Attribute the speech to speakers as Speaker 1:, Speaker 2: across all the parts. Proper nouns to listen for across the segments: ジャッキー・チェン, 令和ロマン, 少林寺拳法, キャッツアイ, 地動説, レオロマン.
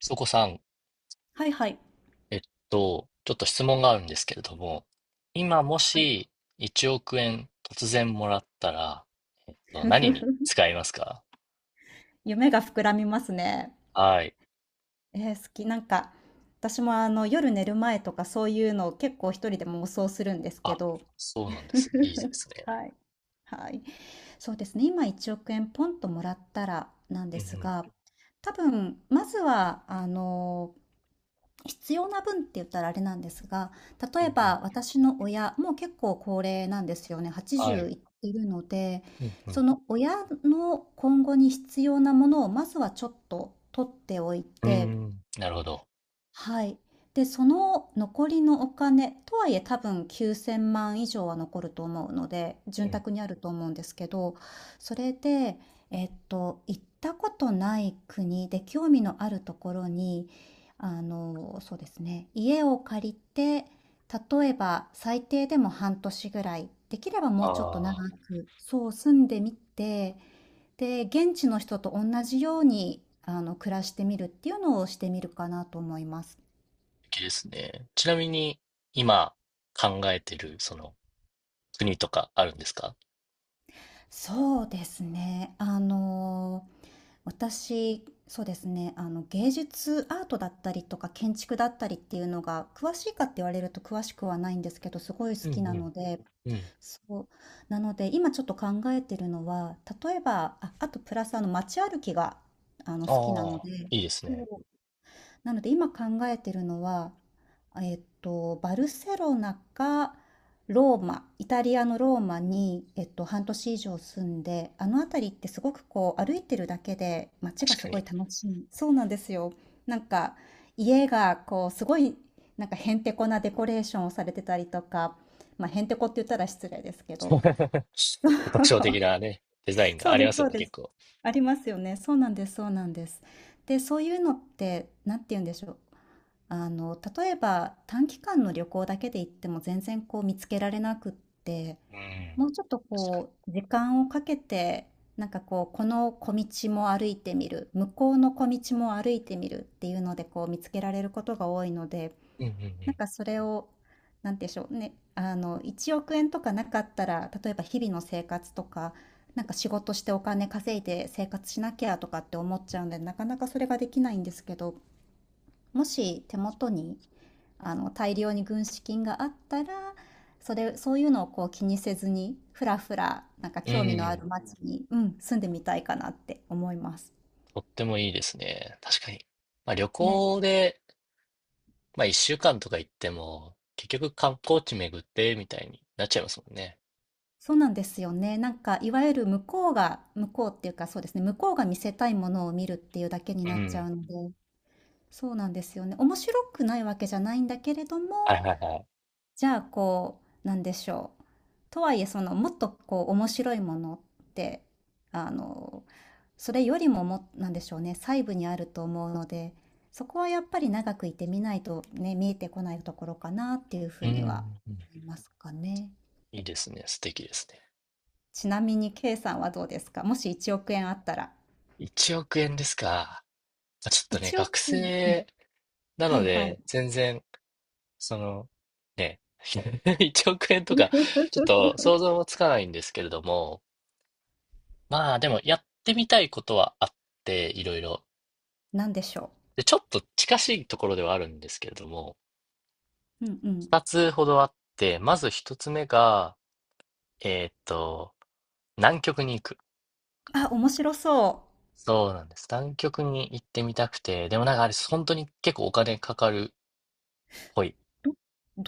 Speaker 1: そこさん、
Speaker 2: はいはい。
Speaker 1: えっちょっと質問があるんですけれども、今も
Speaker 2: はい。
Speaker 1: し1億円突然もらったら、何に 使いますか？
Speaker 2: 夢が膨らみますね。
Speaker 1: はい。
Speaker 2: 好き。なんか、私も、夜寝る前とかそういうのを結構一人で妄想するんですけ
Speaker 1: あ、
Speaker 2: ど。
Speaker 1: そうなんで すね。いいですね。
Speaker 2: はい。はい。そうですね、今1億円ポンともらったらなん
Speaker 1: う
Speaker 2: で
Speaker 1: んう
Speaker 2: す
Speaker 1: ん。
Speaker 2: が、多分まずは、必要な分って言ったらあれなんですが、
Speaker 1: う
Speaker 2: 例
Speaker 1: ん
Speaker 2: え
Speaker 1: うん。
Speaker 2: ば私の親もう結構高齢なんですよね。
Speaker 1: は
Speaker 2: 80
Speaker 1: い。
Speaker 2: いってるので、
Speaker 1: うんう
Speaker 2: そ
Speaker 1: ん。
Speaker 2: の親の今後に必要なものをまずはちょっと取っておい
Speaker 1: うー
Speaker 2: て、
Speaker 1: ん。なるほど。
Speaker 2: はい。で、その残りのお金、とはいえ多分9,000万以上は残ると思うので、
Speaker 1: う
Speaker 2: 潤
Speaker 1: ん。
Speaker 2: 沢にあると思うんですけど、それで、行ったことない国で興味のあるところに、そうですね、家を借りて、例えば最低でも半年ぐらい、できればもうちょっと
Speaker 1: あ
Speaker 2: 長
Speaker 1: あ、
Speaker 2: く、そう住んでみて、で、現地の人と同じように、暮らしてみるっていうのをしてみるかなと思います。
Speaker 1: 素敵ですね。ちなみに、今考えてる、その、国とかあるんですか？
Speaker 2: そうですね。私、そうですね、芸術アートだったりとか建築だったりっていうのが、詳しいかって言われると詳しくはないんですけど、すごい好
Speaker 1: う
Speaker 2: き
Speaker 1: んう
Speaker 2: な
Speaker 1: ん。
Speaker 2: ので、
Speaker 1: うん。
Speaker 2: そう。なので、今ちょっと考えてるのは、例えば、あ、あとプラス街歩きが、好きな
Speaker 1: あ
Speaker 2: の
Speaker 1: あ、
Speaker 2: で、
Speaker 1: いいです
Speaker 2: そ
Speaker 1: ね。
Speaker 2: う。なので今考えてるのは、バルセロナかローマ、イタリアのローマに、半年以上住んで、あの辺りってすごくこう歩いてるだけで街が
Speaker 1: 確
Speaker 2: す
Speaker 1: か
Speaker 2: ご
Speaker 1: に。
Speaker 2: い楽しい。そうなんですよ。なんか家がこうすごいなんかへんてこなデコレーションをされてたりとか、まあへんてこって言ったら失礼ですけ ど、
Speaker 1: 特徴的 なね、デザインが
Speaker 2: そう
Speaker 1: あり
Speaker 2: で
Speaker 1: ま
Speaker 2: す、
Speaker 1: す
Speaker 2: そ
Speaker 1: よ
Speaker 2: う
Speaker 1: ね、
Speaker 2: で
Speaker 1: 結
Speaker 2: す。
Speaker 1: 構。
Speaker 2: ありますよね。そうなんです、そうなんです。で、そういうのって、なんて言うんでしょう。例えば短期間の旅行だけで行っても全然こう見つけられなくって、
Speaker 1: う
Speaker 2: も
Speaker 1: ん。
Speaker 2: うちょっと
Speaker 1: 確か
Speaker 2: こう、時間をかけて、なんかこう、この小道も歩いてみる、向こうの小道も歩いてみるっていうので、こう見つけられることが多いので、
Speaker 1: に。う
Speaker 2: なん
Speaker 1: ん
Speaker 2: かそれを、なんて言うんでしょうね、1億円とかなかったら、例えば日々の生活とか、なんか仕事してお金稼いで生活しなきゃとかって思っちゃうんで、なかなかそれができないんですけど、もし手元に、大量に軍資金があったら、そういうのをこう気にせずに、ふらふら、なんか
Speaker 1: うんう
Speaker 2: 興
Speaker 1: ん。う
Speaker 2: 味
Speaker 1: んう
Speaker 2: のあ
Speaker 1: ん。
Speaker 2: る街に、うん、住んでみたいかなって思います。
Speaker 1: とってもいいですね。確かに。まあ旅
Speaker 2: ね。
Speaker 1: 行で、まあ1週間とか行っても、結局観光地巡ってみたいになっちゃいますもんね。
Speaker 2: そうなんですよね。なんかいわゆる向こうっていうか、そうですね、向こうが見せたいものを見るっていうだけに
Speaker 1: う
Speaker 2: なっちゃ
Speaker 1: ん。
Speaker 2: うので、そうなんですよね。面白くないわけじゃないんだけれども、
Speaker 1: はいはいはい。
Speaker 2: じゃあこう、なんでしょう。とはいえ、そのもっとこう面白いものって、あの、それよりも、なんでしょうね、細部にあると思うので、そこはやっぱり長くいてみないとね、見えてこないところかなっていうふ
Speaker 1: う
Speaker 2: う
Speaker 1: んうん
Speaker 2: には
Speaker 1: うん。
Speaker 2: 思いますかね。
Speaker 1: いいですね。素敵ですね。
Speaker 2: ちなみに K さんはどうですか？もし1億円あったら。
Speaker 1: 1億円ですか。まあちょっとね、
Speaker 2: 1
Speaker 1: 学
Speaker 2: 億円、うん、
Speaker 1: 生な
Speaker 2: は
Speaker 1: の
Speaker 2: いはい。
Speaker 1: で、全然その、ね、1億円とか、ちょっと 想像もつかないんですけれども、まあでもやってみたいことはあって、いろいろ。
Speaker 2: なんでしょ
Speaker 1: で、ちょっと近しいところではあるんですけれども、
Speaker 2: う。うんうん。
Speaker 1: 2つほどあって、まず1つ目が、えーっと、南極に行く。
Speaker 2: あ、面白そ
Speaker 1: そうなんです。南極に行ってみたくて、でもなんかあれ、本当に結構お金かかるっぽい。
Speaker 2: う。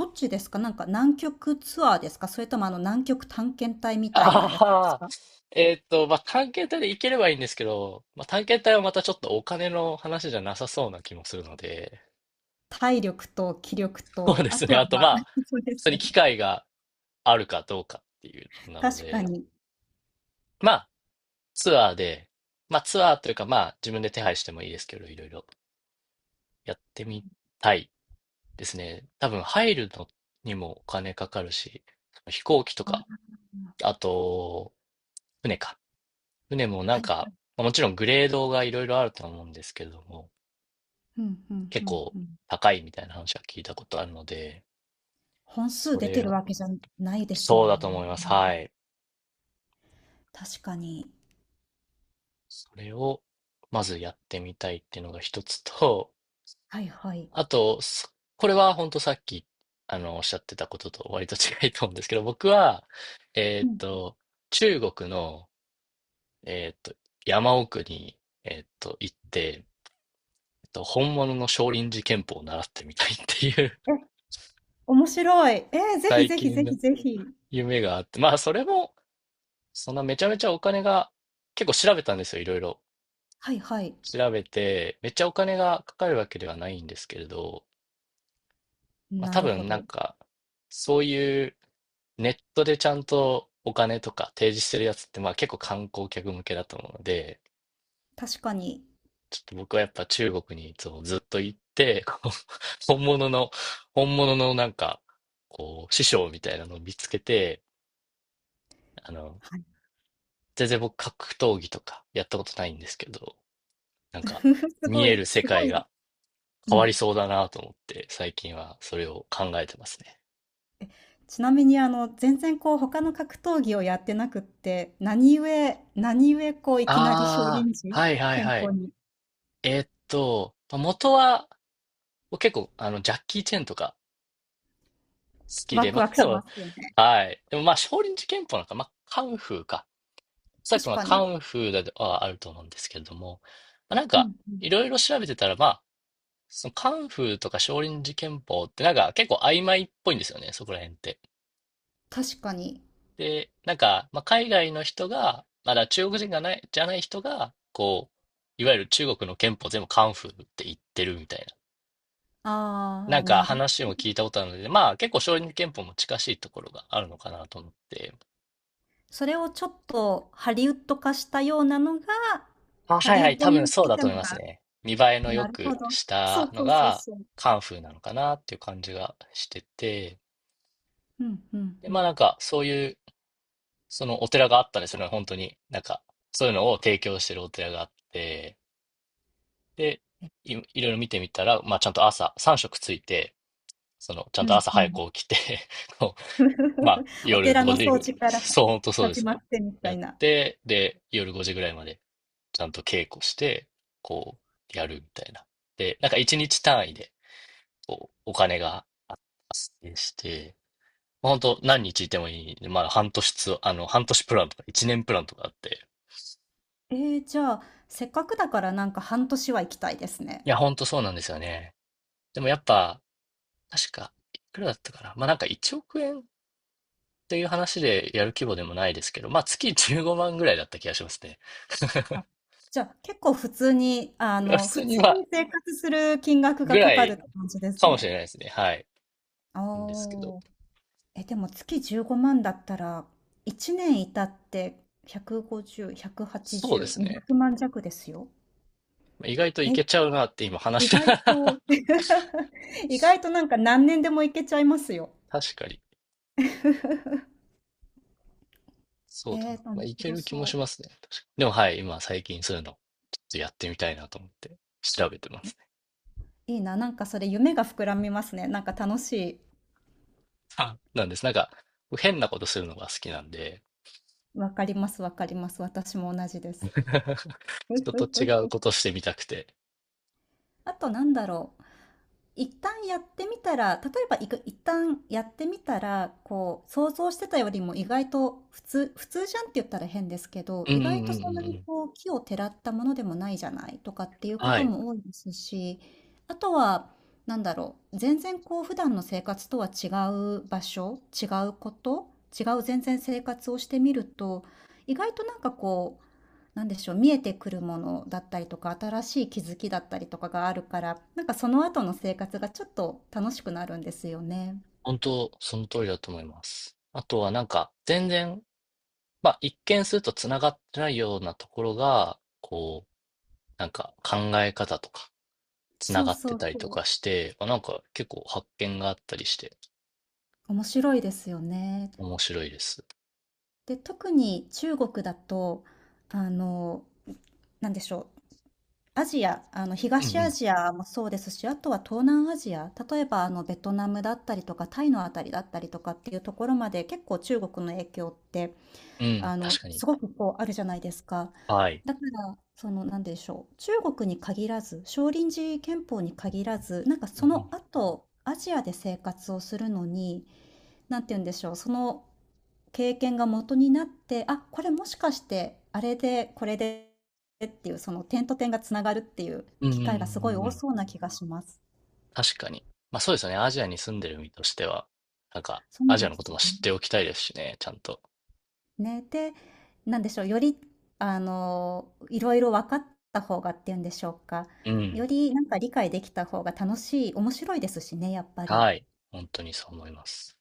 Speaker 2: どっちですか？なんか南極ツアーですか？それともあの南極探検隊みたいな
Speaker 1: あ
Speaker 2: やつです
Speaker 1: あ、
Speaker 2: か？
Speaker 1: まあ、探検隊で行ければいいんですけど、まあ、探検隊はまたちょっとお金の話じゃなさそうな気もするので、
Speaker 2: 体力と気力
Speaker 1: そう
Speaker 2: と、
Speaker 1: で
Speaker 2: あ
Speaker 1: す
Speaker 2: と
Speaker 1: ね。
Speaker 2: は
Speaker 1: あと、
Speaker 2: ま
Speaker 1: ま
Speaker 2: あ、
Speaker 1: あ、
Speaker 2: そうで
Speaker 1: 普通
Speaker 2: す
Speaker 1: に
Speaker 2: よ
Speaker 1: 機
Speaker 2: ね。
Speaker 1: 会があるかどうかっていうのなの
Speaker 2: 確か
Speaker 1: で、
Speaker 2: に。
Speaker 1: まあ、ツアーで、まあ、ツアーというか、まあ、自分で手配してもいいですけど、いろいろやってみたいですね。多分、入るのにもお金かかるし、飛行機とか、
Speaker 2: あ、
Speaker 1: あと、船か。船もな
Speaker 2: は
Speaker 1: ん
Speaker 2: い。
Speaker 1: か、まあもちろんグレードがいろいろあると思うんですけども、
Speaker 2: うんうんう
Speaker 1: 結
Speaker 2: ん
Speaker 1: 構
Speaker 2: うん。
Speaker 1: 高いみたいな話は聞いたことあるので、
Speaker 2: 本数
Speaker 1: そ
Speaker 2: 出
Speaker 1: れ
Speaker 2: てる
Speaker 1: を
Speaker 2: わけじゃないです
Speaker 1: そ
Speaker 2: も
Speaker 1: う
Speaker 2: ん
Speaker 1: だと
Speaker 2: ね。
Speaker 1: 思います。はい。
Speaker 2: 確かに。
Speaker 1: それをまずやってみたいっていうのが一つと、
Speaker 2: はいは い。
Speaker 1: あと、これは本当さっき、おっしゃってたことと割と違いと思うんですけど、僕は、え
Speaker 2: う
Speaker 1: ーっ
Speaker 2: ん。
Speaker 1: と、中国の、えーっと、山奥に、行って、本物の少林寺拳法を習ってみたいっていう
Speaker 2: 面白い。え え、ぜひ
Speaker 1: 最
Speaker 2: ぜひ
Speaker 1: 近
Speaker 2: ぜひ
Speaker 1: の
Speaker 2: ぜひ。
Speaker 1: 夢があって、まあ、それも、そんなめちゃめちゃお金が、結構調べたんですよ、いろいろ。
Speaker 2: はいはい。
Speaker 1: 調べて、めっちゃお金がかかるわけではないんですけれど、まあ
Speaker 2: な
Speaker 1: 多
Speaker 2: るほ
Speaker 1: 分なん
Speaker 2: ど。
Speaker 1: か、そういうネットでちゃんとお金とか提示してるやつって、まあ結構観光客向けだと思うので、
Speaker 2: 確かに。
Speaker 1: ちょっと僕はやっぱ中国にいつもずっと行って、こう本物の、本物のなんか、こう、師匠みたいなのを見つけて、あの、
Speaker 2: はい。
Speaker 1: 全然僕格闘技とかやったことないんですけど、なんか、
Speaker 2: す
Speaker 1: 見
Speaker 2: ご
Speaker 1: え
Speaker 2: い
Speaker 1: る世
Speaker 2: すご
Speaker 1: 界
Speaker 2: い、
Speaker 1: が
Speaker 2: う
Speaker 1: 変わ
Speaker 2: ん。
Speaker 1: りそうだなと思って、最近はそれを考えてますね。
Speaker 2: ちなみに、全然こう他の格闘技をやってなくって、何故こういきなり少
Speaker 1: あ
Speaker 2: 林
Speaker 1: あ、
Speaker 2: 寺
Speaker 1: はいはい
Speaker 2: 拳
Speaker 1: はい。
Speaker 2: 法に？
Speaker 1: まあ元は、結構、ジャッキー・チェンとか好き
Speaker 2: ワ
Speaker 1: で、
Speaker 2: ク
Speaker 1: まあ、
Speaker 2: ワク
Speaker 1: 彼
Speaker 2: しま
Speaker 1: は、
Speaker 2: すよね。
Speaker 1: はい。でもまあ、少林寺拳法なんか、まあ、カンフーか。さっき
Speaker 2: 確
Speaker 1: は
Speaker 2: か
Speaker 1: カ
Speaker 2: に。
Speaker 1: ンフーだとはあると思うんですけれども、まあ、なん
Speaker 2: うん
Speaker 1: か、
Speaker 2: うん。
Speaker 1: いろいろ調べてたら、まあ、そのカンフーとか少林寺拳法ってなんか結構曖昧っぽいんですよね、そこら辺って。
Speaker 2: 確かに。
Speaker 1: で、なんか、まあ、海外の人が、まだ中国人がない、じゃない人が、こう、いわゆる中国の憲法全部カンフーって言ってるみたいな。な
Speaker 2: ああ、
Speaker 1: んか話も聞いたことあるので、まあ結構少林憲法も近しいところがあるのかなと思って。
Speaker 2: それをちょっとハリウッド化したようなのが、
Speaker 1: あ、
Speaker 2: ハ
Speaker 1: はい
Speaker 2: リウ
Speaker 1: は
Speaker 2: ッ
Speaker 1: い、
Speaker 2: ド
Speaker 1: 多
Speaker 2: に
Speaker 1: 分そ
Speaker 2: つ
Speaker 1: う
Speaker 2: い
Speaker 1: だ
Speaker 2: た
Speaker 1: と思い
Speaker 2: の
Speaker 1: ます
Speaker 2: が、
Speaker 1: ね。見栄えの良
Speaker 2: なるほ
Speaker 1: く
Speaker 2: ど。
Speaker 1: し
Speaker 2: そ
Speaker 1: た
Speaker 2: う
Speaker 1: の
Speaker 2: そうそう
Speaker 1: が
Speaker 2: そう。
Speaker 1: カンフーなのかなっていう感じがしてて。
Speaker 2: うんうん
Speaker 1: で、
Speaker 2: う
Speaker 1: まあな
Speaker 2: ん。
Speaker 1: んかそういう、そのお寺があったんですよね、本当に。なんか、そういうのを提供してるお寺があって。で、
Speaker 2: え、
Speaker 1: いろいろ見てみたら、まあ、ちゃんと朝、3食ついて、その、ちゃん
Speaker 2: うん
Speaker 1: と朝
Speaker 2: う
Speaker 1: 早
Speaker 2: ん。
Speaker 1: く起きて こう、まあ、
Speaker 2: お
Speaker 1: 夜
Speaker 2: 寺
Speaker 1: 5
Speaker 2: の
Speaker 1: 時
Speaker 2: 掃除から
Speaker 1: そう、本当そうで
Speaker 2: 始
Speaker 1: す
Speaker 2: まっ
Speaker 1: ね。
Speaker 2: てみた
Speaker 1: や
Speaker 2: い
Speaker 1: っ
Speaker 2: な。
Speaker 1: て、で、夜5時ぐらいまで、ちゃんと稽古して、こう、やるみたいな。で、なんか1日単位で、こう、お金が発生して、まあ本当何日いてもいいんで、まあ、半年つ、半年プランとか、1年プランとかあって、
Speaker 2: じゃあ、せっかくだからなんか半年は行きたいです
Speaker 1: い
Speaker 2: ね。
Speaker 1: や、ほんとそうなんですよね。でもやっぱ、確か、いくらだったかな。まあなんか1億円っていう話でやる規模でもないですけど、まあ月15万ぐらいだった気がしますね。
Speaker 2: あ、じゃあ、結構普通に、
Speaker 1: 普
Speaker 2: 普
Speaker 1: 通に
Speaker 2: 通
Speaker 1: まあ、
Speaker 2: に生活する金額
Speaker 1: ぐ
Speaker 2: がか
Speaker 1: ら
Speaker 2: かるっ
Speaker 1: い
Speaker 2: て感じです
Speaker 1: かもしれ
Speaker 2: ね。
Speaker 1: ないですね。はい。
Speaker 2: あ
Speaker 1: ですけど。
Speaker 2: あ。え、でも月15万だったら、1年いたって150、
Speaker 1: そうです
Speaker 2: 180、200
Speaker 1: ね。
Speaker 2: 万弱ですよ。
Speaker 1: まあ意外とい
Speaker 2: え
Speaker 1: けちゃうなって今話
Speaker 2: 意
Speaker 1: して。
Speaker 2: 外と 意外となんか何年でも行けちゃいますよ。
Speaker 1: 確かに。そうだな。まあ、
Speaker 2: 面
Speaker 1: いけ
Speaker 2: 白
Speaker 1: る気もし
Speaker 2: そ
Speaker 1: ま
Speaker 2: う。
Speaker 1: すね。確かにでもはい、今最近そういうの、ちょっとやってみたいなと思って調べてますね。
Speaker 2: いいな、なんかそれ夢が膨らみますね。なんか楽し
Speaker 1: あなんです。なんか、変なことするのが好きなんで、
Speaker 2: い。わかります、わかります。私も同じです。
Speaker 1: 人と違う ことしてみたくて。
Speaker 2: あとなんだろう。一旦やってみたら、例えばいく一旦やってみたら、こう、想像してたよりも意外と普通、普通じゃんって言ったら変ですけど、
Speaker 1: うんうん
Speaker 2: 意
Speaker 1: う
Speaker 2: 外
Speaker 1: ん
Speaker 2: と
Speaker 1: う
Speaker 2: そんな
Speaker 1: んう
Speaker 2: に
Speaker 1: ん。
Speaker 2: こう、奇をてらったものでもないじゃないとかっていうこ
Speaker 1: は
Speaker 2: と
Speaker 1: い。
Speaker 2: も多いですし、あとは、なんだろう、全然こう、普段の生活とは違う場所、違うこと、違う全然生活をしてみると、意外となんかこう、なんでしょう、見えてくるものだったりとか、新しい気づきだったりとかがあるから、なんかその後の生活がちょっと楽しくなるんですよね。
Speaker 1: 本当、その通りだと思います。あとはなんか、全然、まあ、一見するとつながってないようなところが、こう、なんか考え方とか、つな
Speaker 2: そう
Speaker 1: がって
Speaker 2: そう
Speaker 1: たり
Speaker 2: そ
Speaker 1: とか
Speaker 2: う。
Speaker 1: して、まあ、なんか結構発見があったりして、
Speaker 2: 面白いですよね。
Speaker 1: 面白いです。
Speaker 2: で、特に中国だと、あの、なんでしょう、アジア、
Speaker 1: うん
Speaker 2: 東
Speaker 1: う
Speaker 2: ア
Speaker 1: ん。
Speaker 2: ジアもそうですし、あとは東南アジア、例えばベトナムだったりとか、タイのあたりだったりとかっていうところまで、結構中国の影響って、
Speaker 1: うん、確かに。
Speaker 2: すごくこうあるじゃないですか。
Speaker 1: はい。
Speaker 2: だから、なんでしょう、中国に限らず、少林寺拳法に限らず、なんか
Speaker 1: う
Speaker 2: そ
Speaker 1: ん
Speaker 2: の後、アジアで生活をするのに、なんて言うんでしょう、その経験が元になって、あ、これもしかして、あれで、これでっていう、その点と点がつながるっていう
Speaker 1: うん。うん
Speaker 2: 機会がす
Speaker 1: う
Speaker 2: ご
Speaker 1: ん
Speaker 2: い
Speaker 1: うんうんう
Speaker 2: 多
Speaker 1: ん。
Speaker 2: そうな気がします。
Speaker 1: 確かに。まあそうですよね。アジアに住んでる身としては、なんか、
Speaker 2: そうな
Speaker 1: アジ
Speaker 2: ん
Speaker 1: ア
Speaker 2: で
Speaker 1: のこと
Speaker 2: す
Speaker 1: も
Speaker 2: よ
Speaker 1: 知っ
Speaker 2: ね。
Speaker 1: ておきたいですしね、ちゃんと。
Speaker 2: ね、で、なんでしょう、より、いろいろ分かった方がっていうんでしょうか。
Speaker 1: うん。
Speaker 2: よりなんか理解できた方が楽しい面白いですしね、やっぱり。
Speaker 1: はい。本当にそう思います。